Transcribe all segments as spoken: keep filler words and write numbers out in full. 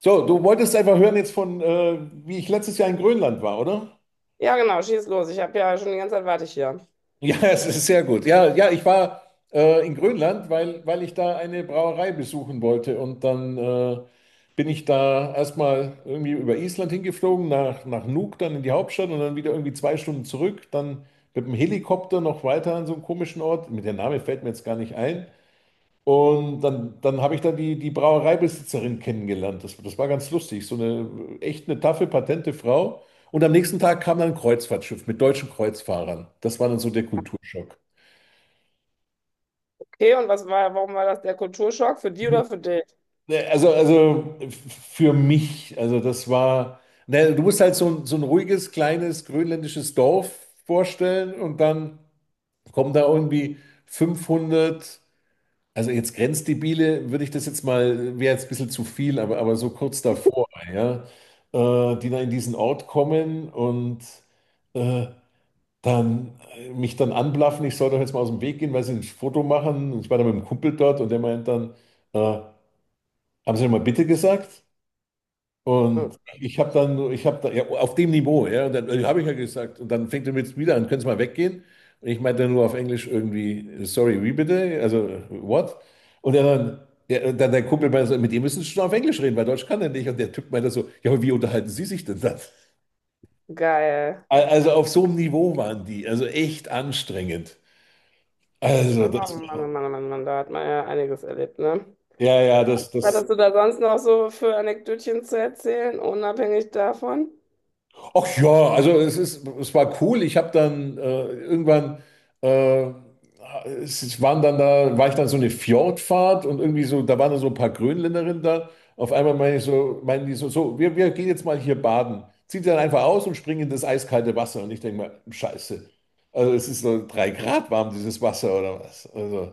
So, du wolltest einfach hören jetzt von, äh, wie ich letztes Jahr in Grönland war, oder? Ja, genau, schieß los. Ich habe ja schon die ganze Zeit warte ich hier. Ja, es ist sehr gut. Ja, ja, ich war äh, in Grönland, weil, weil ich da eine Brauerei besuchen wollte. Und dann äh, bin ich da erstmal irgendwie über Island hingeflogen, nach, nach Nuuk, dann in die Hauptstadt und dann wieder irgendwie zwei Stunden zurück. Dann mit dem Helikopter noch weiter an so einen komischen Ort. Mit der Name fällt mir jetzt gar nicht ein. Und dann, dann habe ich da die, die Brauereibesitzerin kennengelernt. Das, das war ganz lustig. So eine echt eine taffe, patente Frau. Und am nächsten Tag kam dann ein Kreuzfahrtschiff mit deutschen Kreuzfahrern. Das war dann so der Kulturschock. Okay, und was war, warum war das der Kulturschock? Für die oder für dich? Ne, Also, also für mich, also das war, ne, du musst halt so, ein- so ein ruhiges, kleines grönländisches Dorf vorstellen und dann kommen da irgendwie fünfhundert. Also jetzt Grenzdebile würde ich das jetzt mal, wäre jetzt ein bisschen zu viel, aber, aber so kurz davor, ja, äh, die dann in diesen Ort kommen und äh, dann äh, mich dann anblaffen, ich soll doch jetzt mal aus dem Weg gehen, weil sie ein Foto machen. Und ich war dann mit einem Kumpel dort und der meint dann, äh, haben Sie mal bitte gesagt? Hm. Und ich habe dann, ich habe da, ja, auf dem Niveau, ja, und dann äh, habe ich ja gesagt, und dann fängt er mit wieder an, können Sie mal weggehen? Und ich meinte nur auf Englisch irgendwie, sorry, wie bitte? Also, what? Und er dann, ja, dann der Kumpel meinte so, mit dem müssen Sie schon auf Englisch reden, weil Deutsch kann er nicht. Und der Typ meinte so, ja, aber wie unterhalten Sie sich denn dann? Geil. Al- Also auf so einem Niveau waren die, also echt anstrengend. Also, Oh das, Mann, oh Mann, oh Mann, oh Mann, da hat man ja einiges erlebt, ne? ja, ja, das, Was das hast du da sonst noch so für Anekdötchen zu erzählen, unabhängig davon? Ach ja, also es ist, es war cool. Ich habe dann äh, irgendwann, äh, es es waren dann da, war ich dann so eine Fjordfahrt und irgendwie so, da waren dann so ein paar Grönländerinnen da. Auf einmal meine ich so, meinen die so, so, wir, wir gehen jetzt mal hier baden. Zieht sie dann einfach aus und springen in das eiskalte Wasser. Und ich denke mal, Scheiße. Also es ist so drei Grad warm, dieses Wasser oder was. Also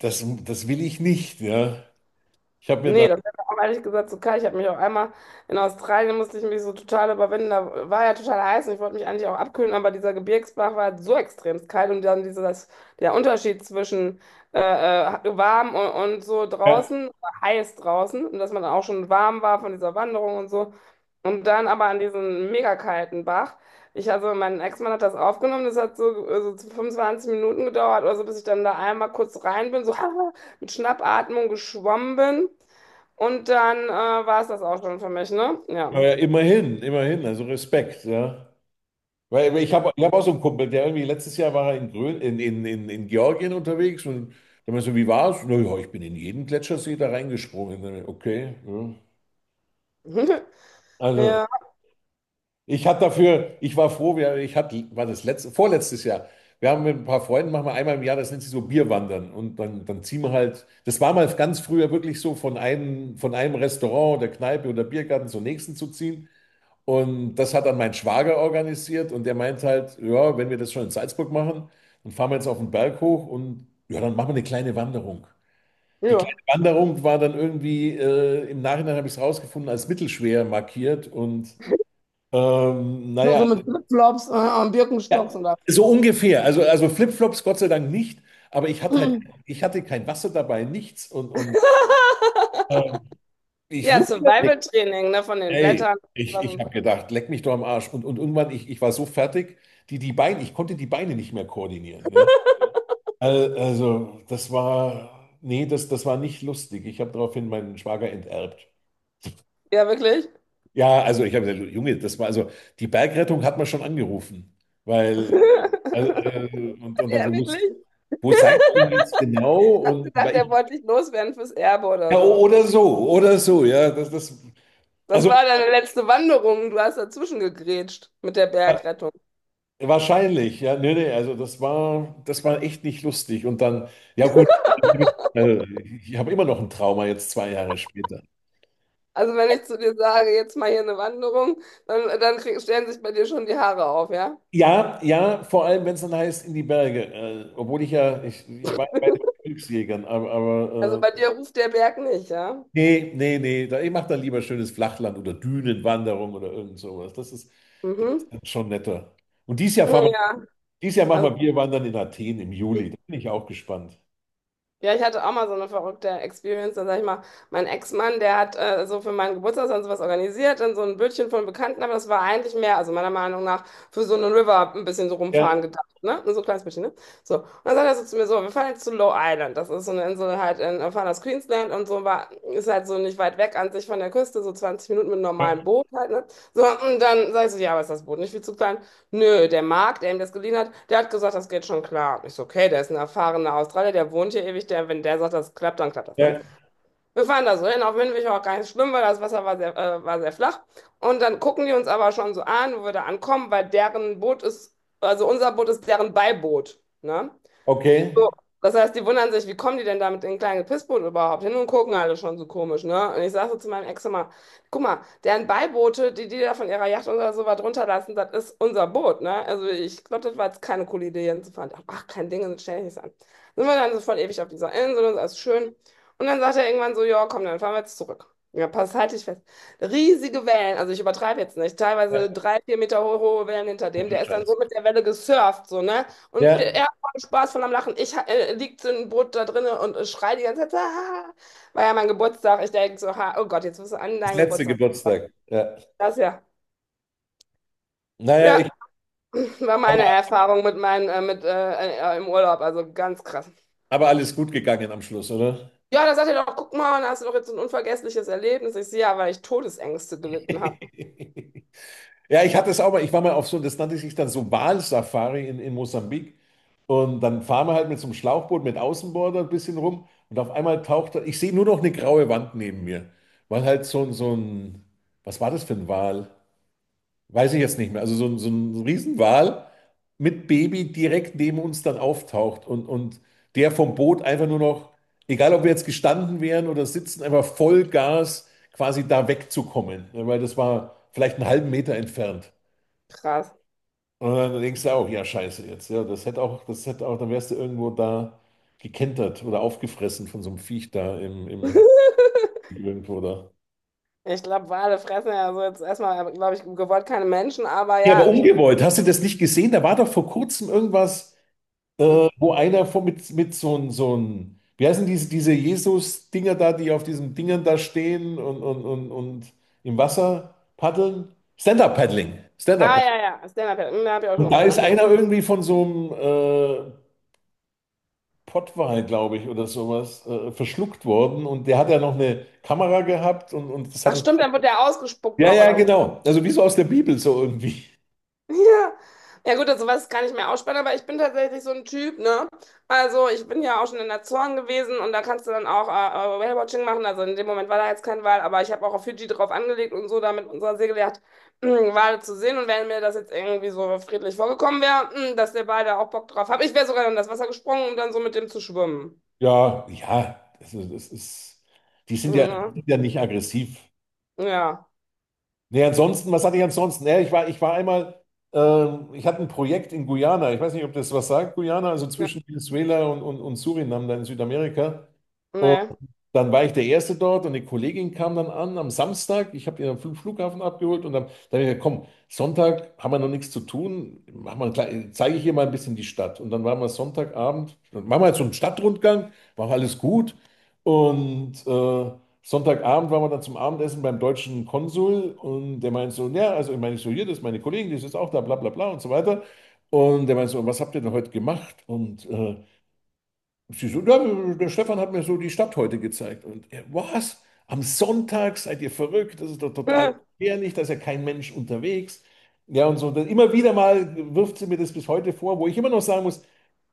das, das will ich nicht, ja. Ich habe mir da, Nee, das wäre auch ehrlich gesagt so kalt. Ich habe mich auch einmal in Australien musste ich mich so total überwinden. Da war ja total heiß und ich wollte mich eigentlich auch abkühlen, aber dieser Gebirgsbach war halt so extrem kalt und dann dieser, das, der Unterschied zwischen äh, äh, warm und, und so ja, draußen, heiß draußen und dass man dann auch schon warm war von dieser Wanderung und so. Und dann aber an diesen mega kalten Bach. Ich, also mein Ex-Mann hat das aufgenommen, das hat so, äh, so fünfundzwanzig Minuten gedauert oder so, bis ich dann da einmal kurz rein bin, so mit Schnappatmung geschwommen bin. Und dann äh, war es das auch schon für mich, ne? Ja. aber immerhin, immerhin, also Respekt, ja. Weil weil ich habe ich hab auch so einen Kumpel, der irgendwie letztes Jahr war er in, Grön, in, in, in, in Georgien unterwegs und da meinte so, wie war's? Na ja, ich bin in jeden Gletschersee da reingesprungen. Okay. Ja. Also Ja, ich hatte dafür, ich war froh, wir, ich hatte, war das letzte, vorletztes Jahr. Wir haben mit ein paar Freunden, machen wir einmal im Jahr, das nennt sich so Bierwandern. Und dann, dann ziehen wir halt, das war mal ganz früher wirklich so, von einem, von einem Restaurant oder Kneipe oder Biergarten zum nächsten zu ziehen. Und das hat dann mein Schwager organisiert und der meint halt, ja, wenn wir das schon in Salzburg machen, dann fahren wir jetzt auf den Berg hoch und ja, dann machen wir eine kleine Wanderung. Die kleine ja. Wanderung war dann irgendwie, äh, im Nachhinein habe ich es rausgefunden, als mittelschwer markiert und ähm, Du naja, so mit Flipflops äh, und ja, ja, Birkenstocks und da. so ungefähr. Also, also Flipflops Gott sei Dank nicht, aber ich hatte halt, ich hatte kein Wasser dabei, nichts und, und äh, ich Ja, wusste, Survival-Training, ne, von den Ey, Blättern. ich, Was ich und habe so. gedacht, leck mich doch am Arsch. Und, und irgendwann, ich, ich war so fertig, die, die Beine, ich konnte die Beine nicht mehr koordinieren. Ne? Al- Also, das war, nee, das, das war nicht lustig. Ich habe daraufhin meinen Schwager enterbt. Ja, wirklich? Ja, also ich habe gesagt, Junge, das war, also die Bergrettung hat man schon angerufen. Weil, also, äh, und, und dann so, Ja, muss- wirklich? wo seid ihr jetzt genau? Hast du Und gedacht, weil er ich, wollte dich loswerden fürs Erbe ja, oder so? oder so, oder so, ja, das, das, Das also. war deine letzte Wanderung. Du hast dazwischen gegrätscht mit der Bergrettung. Wahrscheinlich, ja, nee, nee, also das war, das war echt nicht lustig. Und dann, ja gut, dann hab ich, also ich habe immer noch ein Trauma jetzt zwei Jahre später. Also wenn ich zu dir sage, jetzt mal hier eine Wanderung, dann, dann krieg, stellen sich bei dir schon die Haare auf, ja? Ja, ja, vor allem, wenn es dann heißt, in die Berge. Äh, obwohl ich ja, ich, ich war ja bei den Glücksjägern, aber, Also aber bei äh, dir ruft der Berg nicht, ja? nee, nee, nee, da, ich mache dann lieber schönes Flachland oder Dünenwanderung oder irgend sowas. Das ist, das ist Mhm. dann schon netter. Und dieses Jahr fahren wir, Ja, dieses Jahr machen wir also, Bierwandern in Athen im Juli. Da bin ich auch gespannt. ja, ich hatte auch mal so eine verrückte Experience. Dann sag ich mal, mein Ex-Mann, der hat äh, so für meinen Geburtstag dann sowas organisiert, dann so ein Bötchen von Bekannten, aber das war eigentlich mehr, also meiner Meinung nach, für so einen River ein bisschen so Ja, rumfahren gedacht, ne? So ein kleines bisschen, ne? So. Und dann sagt er so zu mir so, wir fahren jetzt zu Low Island. Das ist so eine Insel halt in, wir fahren aus Queensland und so war, ist halt so nicht weit weg an sich von der Küste, so zwanzig Minuten mit einem ja, normalen Boot halt, ne? So, und dann sag ich so, ja, aber ist das Boot nicht viel zu klein? Nö, der Mark, der ihm das geliehen hat, der hat gesagt, das geht schon klar. Ich so, okay, der ist ein erfahrener Australier, der wohnt hier ewig, der, wenn der sagt, das klappt, dann klappt das, ne? ja, Wir fahren da so hin, auf Windweg auch gar nicht so schlimm, weil das Wasser war sehr, äh, war sehr flach. Und dann gucken die uns aber schon so an, wo wir da ankommen, weil deren Boot ist, also unser Boot ist deren Beiboot, ne? So, okay. das heißt, die wundern sich, wie kommen die denn da mit den kleinen Pissboot überhaupt hin und gucken alle schon so komisch, ne? Und ich sag so zu meinem Ex immer, guck mal, deren Beiboote, die die da von ihrer Yacht oder so was runterlassen, das ist unser Boot, ne? Also ich glaube, das war jetzt keine coole Idee, Jens zu fahren. Ach, kein Ding, das stell ich nicht an. Sind wir dann so voll ewig auf dieser Insel und so, alles schön. Und dann sagt er irgendwann so, ja, komm, dann fahren wir jetzt zurück. Ja, pass, halt dich fest. Riesige Wellen, also ich übertreibe jetzt nicht, Ja, teilweise drei, vier Meter hohe, hohe Wellen hinter ach dem, du der ist dann Scheiße. so mit der Welle gesurft, so, ne? Und Ja, er Spaß von am Lachen. Ich äh, liegt so ein Brot da drinne und äh, schrei die ganze Zeit, ah, war ja mein Geburtstag. Ich denke so, ha, oh Gott, jetzt wirst du an das deinen letzte Geburtstag. Kommen. Geburtstag. Ja. Das ja. Naja, Ja, ich, war meine aber, Erfahrung mit meinen, äh, mit, äh, äh, im Urlaub, also ganz krass. aber alles gut gegangen am Schluss, oder? Ja, da sagt er doch, guck mal, da hast du doch jetzt so ein unvergessliches Erlebnis. Ich sehe ja, weil ich Todesängste gelitten habe. Ja, ich hatte es auch mal, ich war mal auf so, das nannte sich dann so Walsafari in, in Mosambik. Und dann fahren wir halt mit so einem Schlauchboot mit Außenborder ein bisschen rum und auf einmal taucht, da- ich sehe nur noch eine graue Wand neben mir, weil halt so, ein- so ein, was war das für ein Wal? Weiß ich jetzt nicht mehr. Also so, ein- so ein Riesenwal mit Baby direkt neben uns dann auftaucht und, und der vom Boot einfach nur noch, egal ob wir jetzt gestanden wären oder sitzen, einfach Vollgas quasi da wegzukommen. Ja, weil das war vielleicht einen halben Meter entfernt. Krass. Und dann denkst du auch, ja, scheiße jetzt. Ja, das hätte auch, das hätte auch, dann wärst du irgendwo da gekentert oder aufgefressen von so einem Viech da im, im irgendwo da. Ich glaube, Wale fressen ja so jetzt erstmal, glaube ich, gewollt keine Menschen, aber Ja, aber ja. Ich, umgebeut. Hast du das nicht gesehen? Da war doch vor kurzem irgendwas. Wo einer von, mit, mit so einem, so ein, wie heißen diese, diese Jesus-Dinger da, die auf diesen Dingern da stehen und, und, und, und im Wasser paddeln? Stand-up-Paddling. ah, Stand-up-Paddling. ja, ja, Stand-up, ja, hm, hab ich auch schon Und da gemacht, ist ja. einer irgendwie von so einem äh, Pottwal, glaube ich, oder sowas, äh, verschluckt worden und der hat ja noch eine Kamera gehabt und, und das hat Ach, es. stimmt, dann wird der ausgespuckt Ja, noch ja, oder so. genau. Also wie so aus der Bibel, so irgendwie. Ja. Ja gut, also was kann ich mir ausspannen, aber ich bin tatsächlich so ein Typ, ne? Also ich bin ja auch schon in der Zorn gewesen und da kannst du dann auch äh, äh, Whale-Watching machen. Also in dem Moment war da jetzt kein Wal, aber ich habe auch auf Fidschi drauf angelegt und so da mit unserer Segeljacht Wale zu sehen. Und wenn mir das jetzt irgendwie so friedlich vorgekommen wäre, hm, dass der Wal da auch Bock drauf hat, ich wäre sogar in das Wasser gesprungen, um dann so mit dem zu schwimmen. Ja, ja, also das ist, die sind ja, die Ja. sind ja nicht aggressiv. Ja. Nee, ansonsten, was hatte ich ansonsten? Ja, ich war, ich war einmal, ähm, ich hatte ein Projekt in Guyana. Ich weiß nicht, ob das was sagt, Guyana, also Ja. zwischen Venezuela und, und, und Suriname, da in Südamerika. Nee. Dann war ich der Erste dort und eine Kollegin kam dann an am Samstag. Ich habe die am Fl- Flughafen abgeholt und dann, dann habe ich gesagt, komm, Sonntag haben wir noch nichts zu tun, mach mal, klei- zeige ich ihr mal ein bisschen die Stadt. Und dann waren wir Sonntagabend, dann machen wir jetzt so einen Stadtrundgang, war alles gut. Und äh, Sonntagabend waren wir dann zum Abendessen beim deutschen Konsul und der meint so, ja, also ich meine, ich so, hier, das ist meine Kollegin, die ist jetzt auch da, bla bla bla und so weiter. Und der meint so, was habt ihr denn heute gemacht? Und äh, Sie so, ja, der Stefan hat mir so die Stadt heute gezeigt. Und er, was? Am Sonntag seid ihr verrückt? Das ist doch total gefährlich, da ist ja kein Mensch unterwegs. Ja, und so. Dann immer wieder mal wirft sie mir das bis heute vor, wo ich immer noch sagen muss,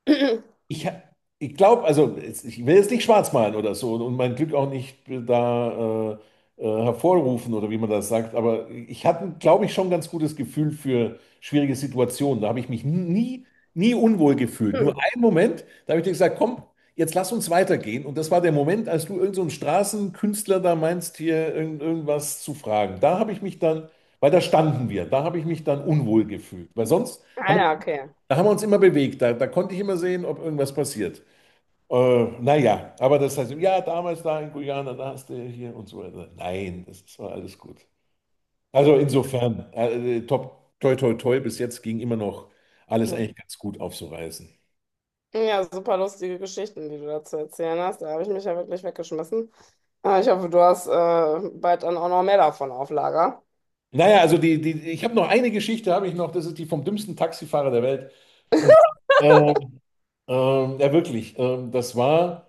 ich, ha- ich glaube, also es- ich will jetzt nicht schwarz malen oder so und mein Glück auch nicht da äh, äh, hervorrufen oder wie man das sagt, aber ich hatte, glaube ich, schon ein ganz gutes Gefühl für schwierige Situationen. Da habe ich mich nie, nie unwohl gefühlt. Nur einen Moment, da habe ich dir gesagt, komm, jetzt lass uns weitergehen. Und das war der Moment, als du irgend so einen Straßenkünstler da meinst, hier irgend, irgendwas zu fragen. Da habe ich mich dann, weil da standen wir, da habe ich mich dann unwohl gefühlt. Weil sonst Ah haben wir ja, okay. da haben wir uns immer bewegt. Da, da konnte ich immer sehen, ob irgendwas passiert. Äh, naja, aber das heißt, ja, damals da in Guyana, da hast du ja hier und so weiter. Nein, das war alles gut. Also insofern, äh, äh, top, toi, toi, toi, bis jetzt ging immer noch alles Mhm. eigentlich ganz gut aufzureißen. Ja, super lustige Geschichten, die du da zu erzählen hast. Da habe ich mich ja wirklich weggeschmissen. Aber ich hoffe, du hast äh, bald dann auch noch mehr davon auf Lager. Naja, also die, die, ich habe noch eine Geschichte, habe ich noch, das ist die vom dümmsten Taxifahrer der Welt. Und äh, äh, ja, wirklich, äh, das war.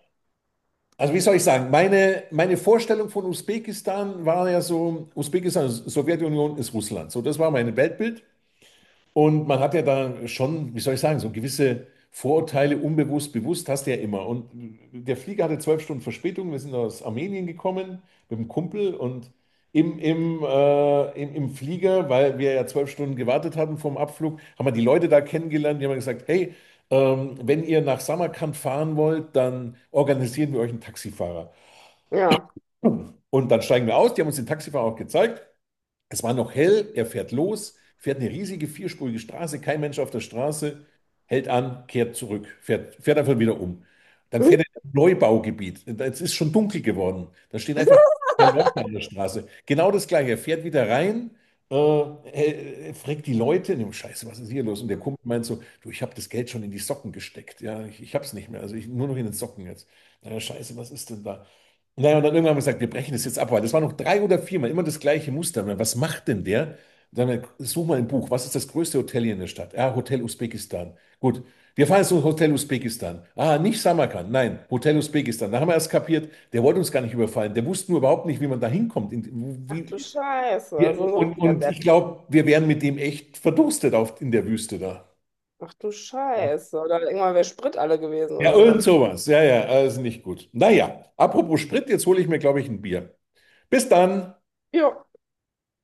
Also wie soll ich sagen, meine, meine Vorstellung von Usbekistan war ja so, Usbekistan, Sowjetunion ist Russland. So, das war mein Weltbild. Und man hat ja da schon, wie soll ich sagen, so gewisse Vorurteile unbewusst, bewusst hast du ja immer. Und der Flieger hatte zwölf Stunden Verspätung. Wir sind aus Armenien gekommen mit einem Kumpel und im, im, äh, im, im Flieger, weil wir ja zwölf Stunden gewartet hatten vom Abflug, haben wir die Leute da kennengelernt. Die haben gesagt, hey, ähm, wenn ihr nach Samarkand fahren wollt, dann organisieren wir euch einen Taxifahrer. Ja. Und dann steigen wir aus, die haben uns den Taxifahrer auch gezeigt. Es war noch hell, er fährt los, fährt eine riesige vierspurige Straße, kein Mensch auf der Straße, hält an, kehrt zurück, fährt, fährt einfach wieder um. Dann fährt er in ein Neubaugebiet. Es ist schon dunkel geworden. Da stehen einfach drei Leute an der Straße. Genau das Gleiche. Er fährt wieder rein, äh, er- er fragt die Leute, und Scheiße, was ist hier los? Und der Kumpel meint so, du, ich habe das Geld schon in die Socken gesteckt. Ja, ich, ich habe es nicht mehr. Also ich, nur noch in den Socken jetzt. Na, Scheiße, was ist denn da? Naja, und dann irgendwann haben wir gesagt, wir brechen das jetzt ab, weil das war noch drei oder viermal immer das gleiche Muster. Und dann, was macht denn der? Dann such mal ein Buch. Was ist das größte Hotel hier in der Stadt? Ah, Hotel Usbekistan. Gut, wir fahren jetzt zum Hotel Usbekistan. Ah, nicht Samarkand, nein, Hotel Usbekistan. Da haben wir erst kapiert, der wollte uns gar nicht überfallen. Der wusste nur überhaupt nicht, wie man da hinkommt. In- Ach wie, du Scheiße, also wir, ein und, richtiger und ich Depp. glaube, wir wären mit dem echt verdurstet auf, in der Wüste da. Ach du Ja, Scheiße. Oder irgendwann wäre Sprit alle gewesen ja, oder irgend sowas. sowas. Ja, ja, also nicht gut. Naja, apropos Sprit, jetzt hole ich mir, glaube ich, ein Bier. Bis dann. Jo.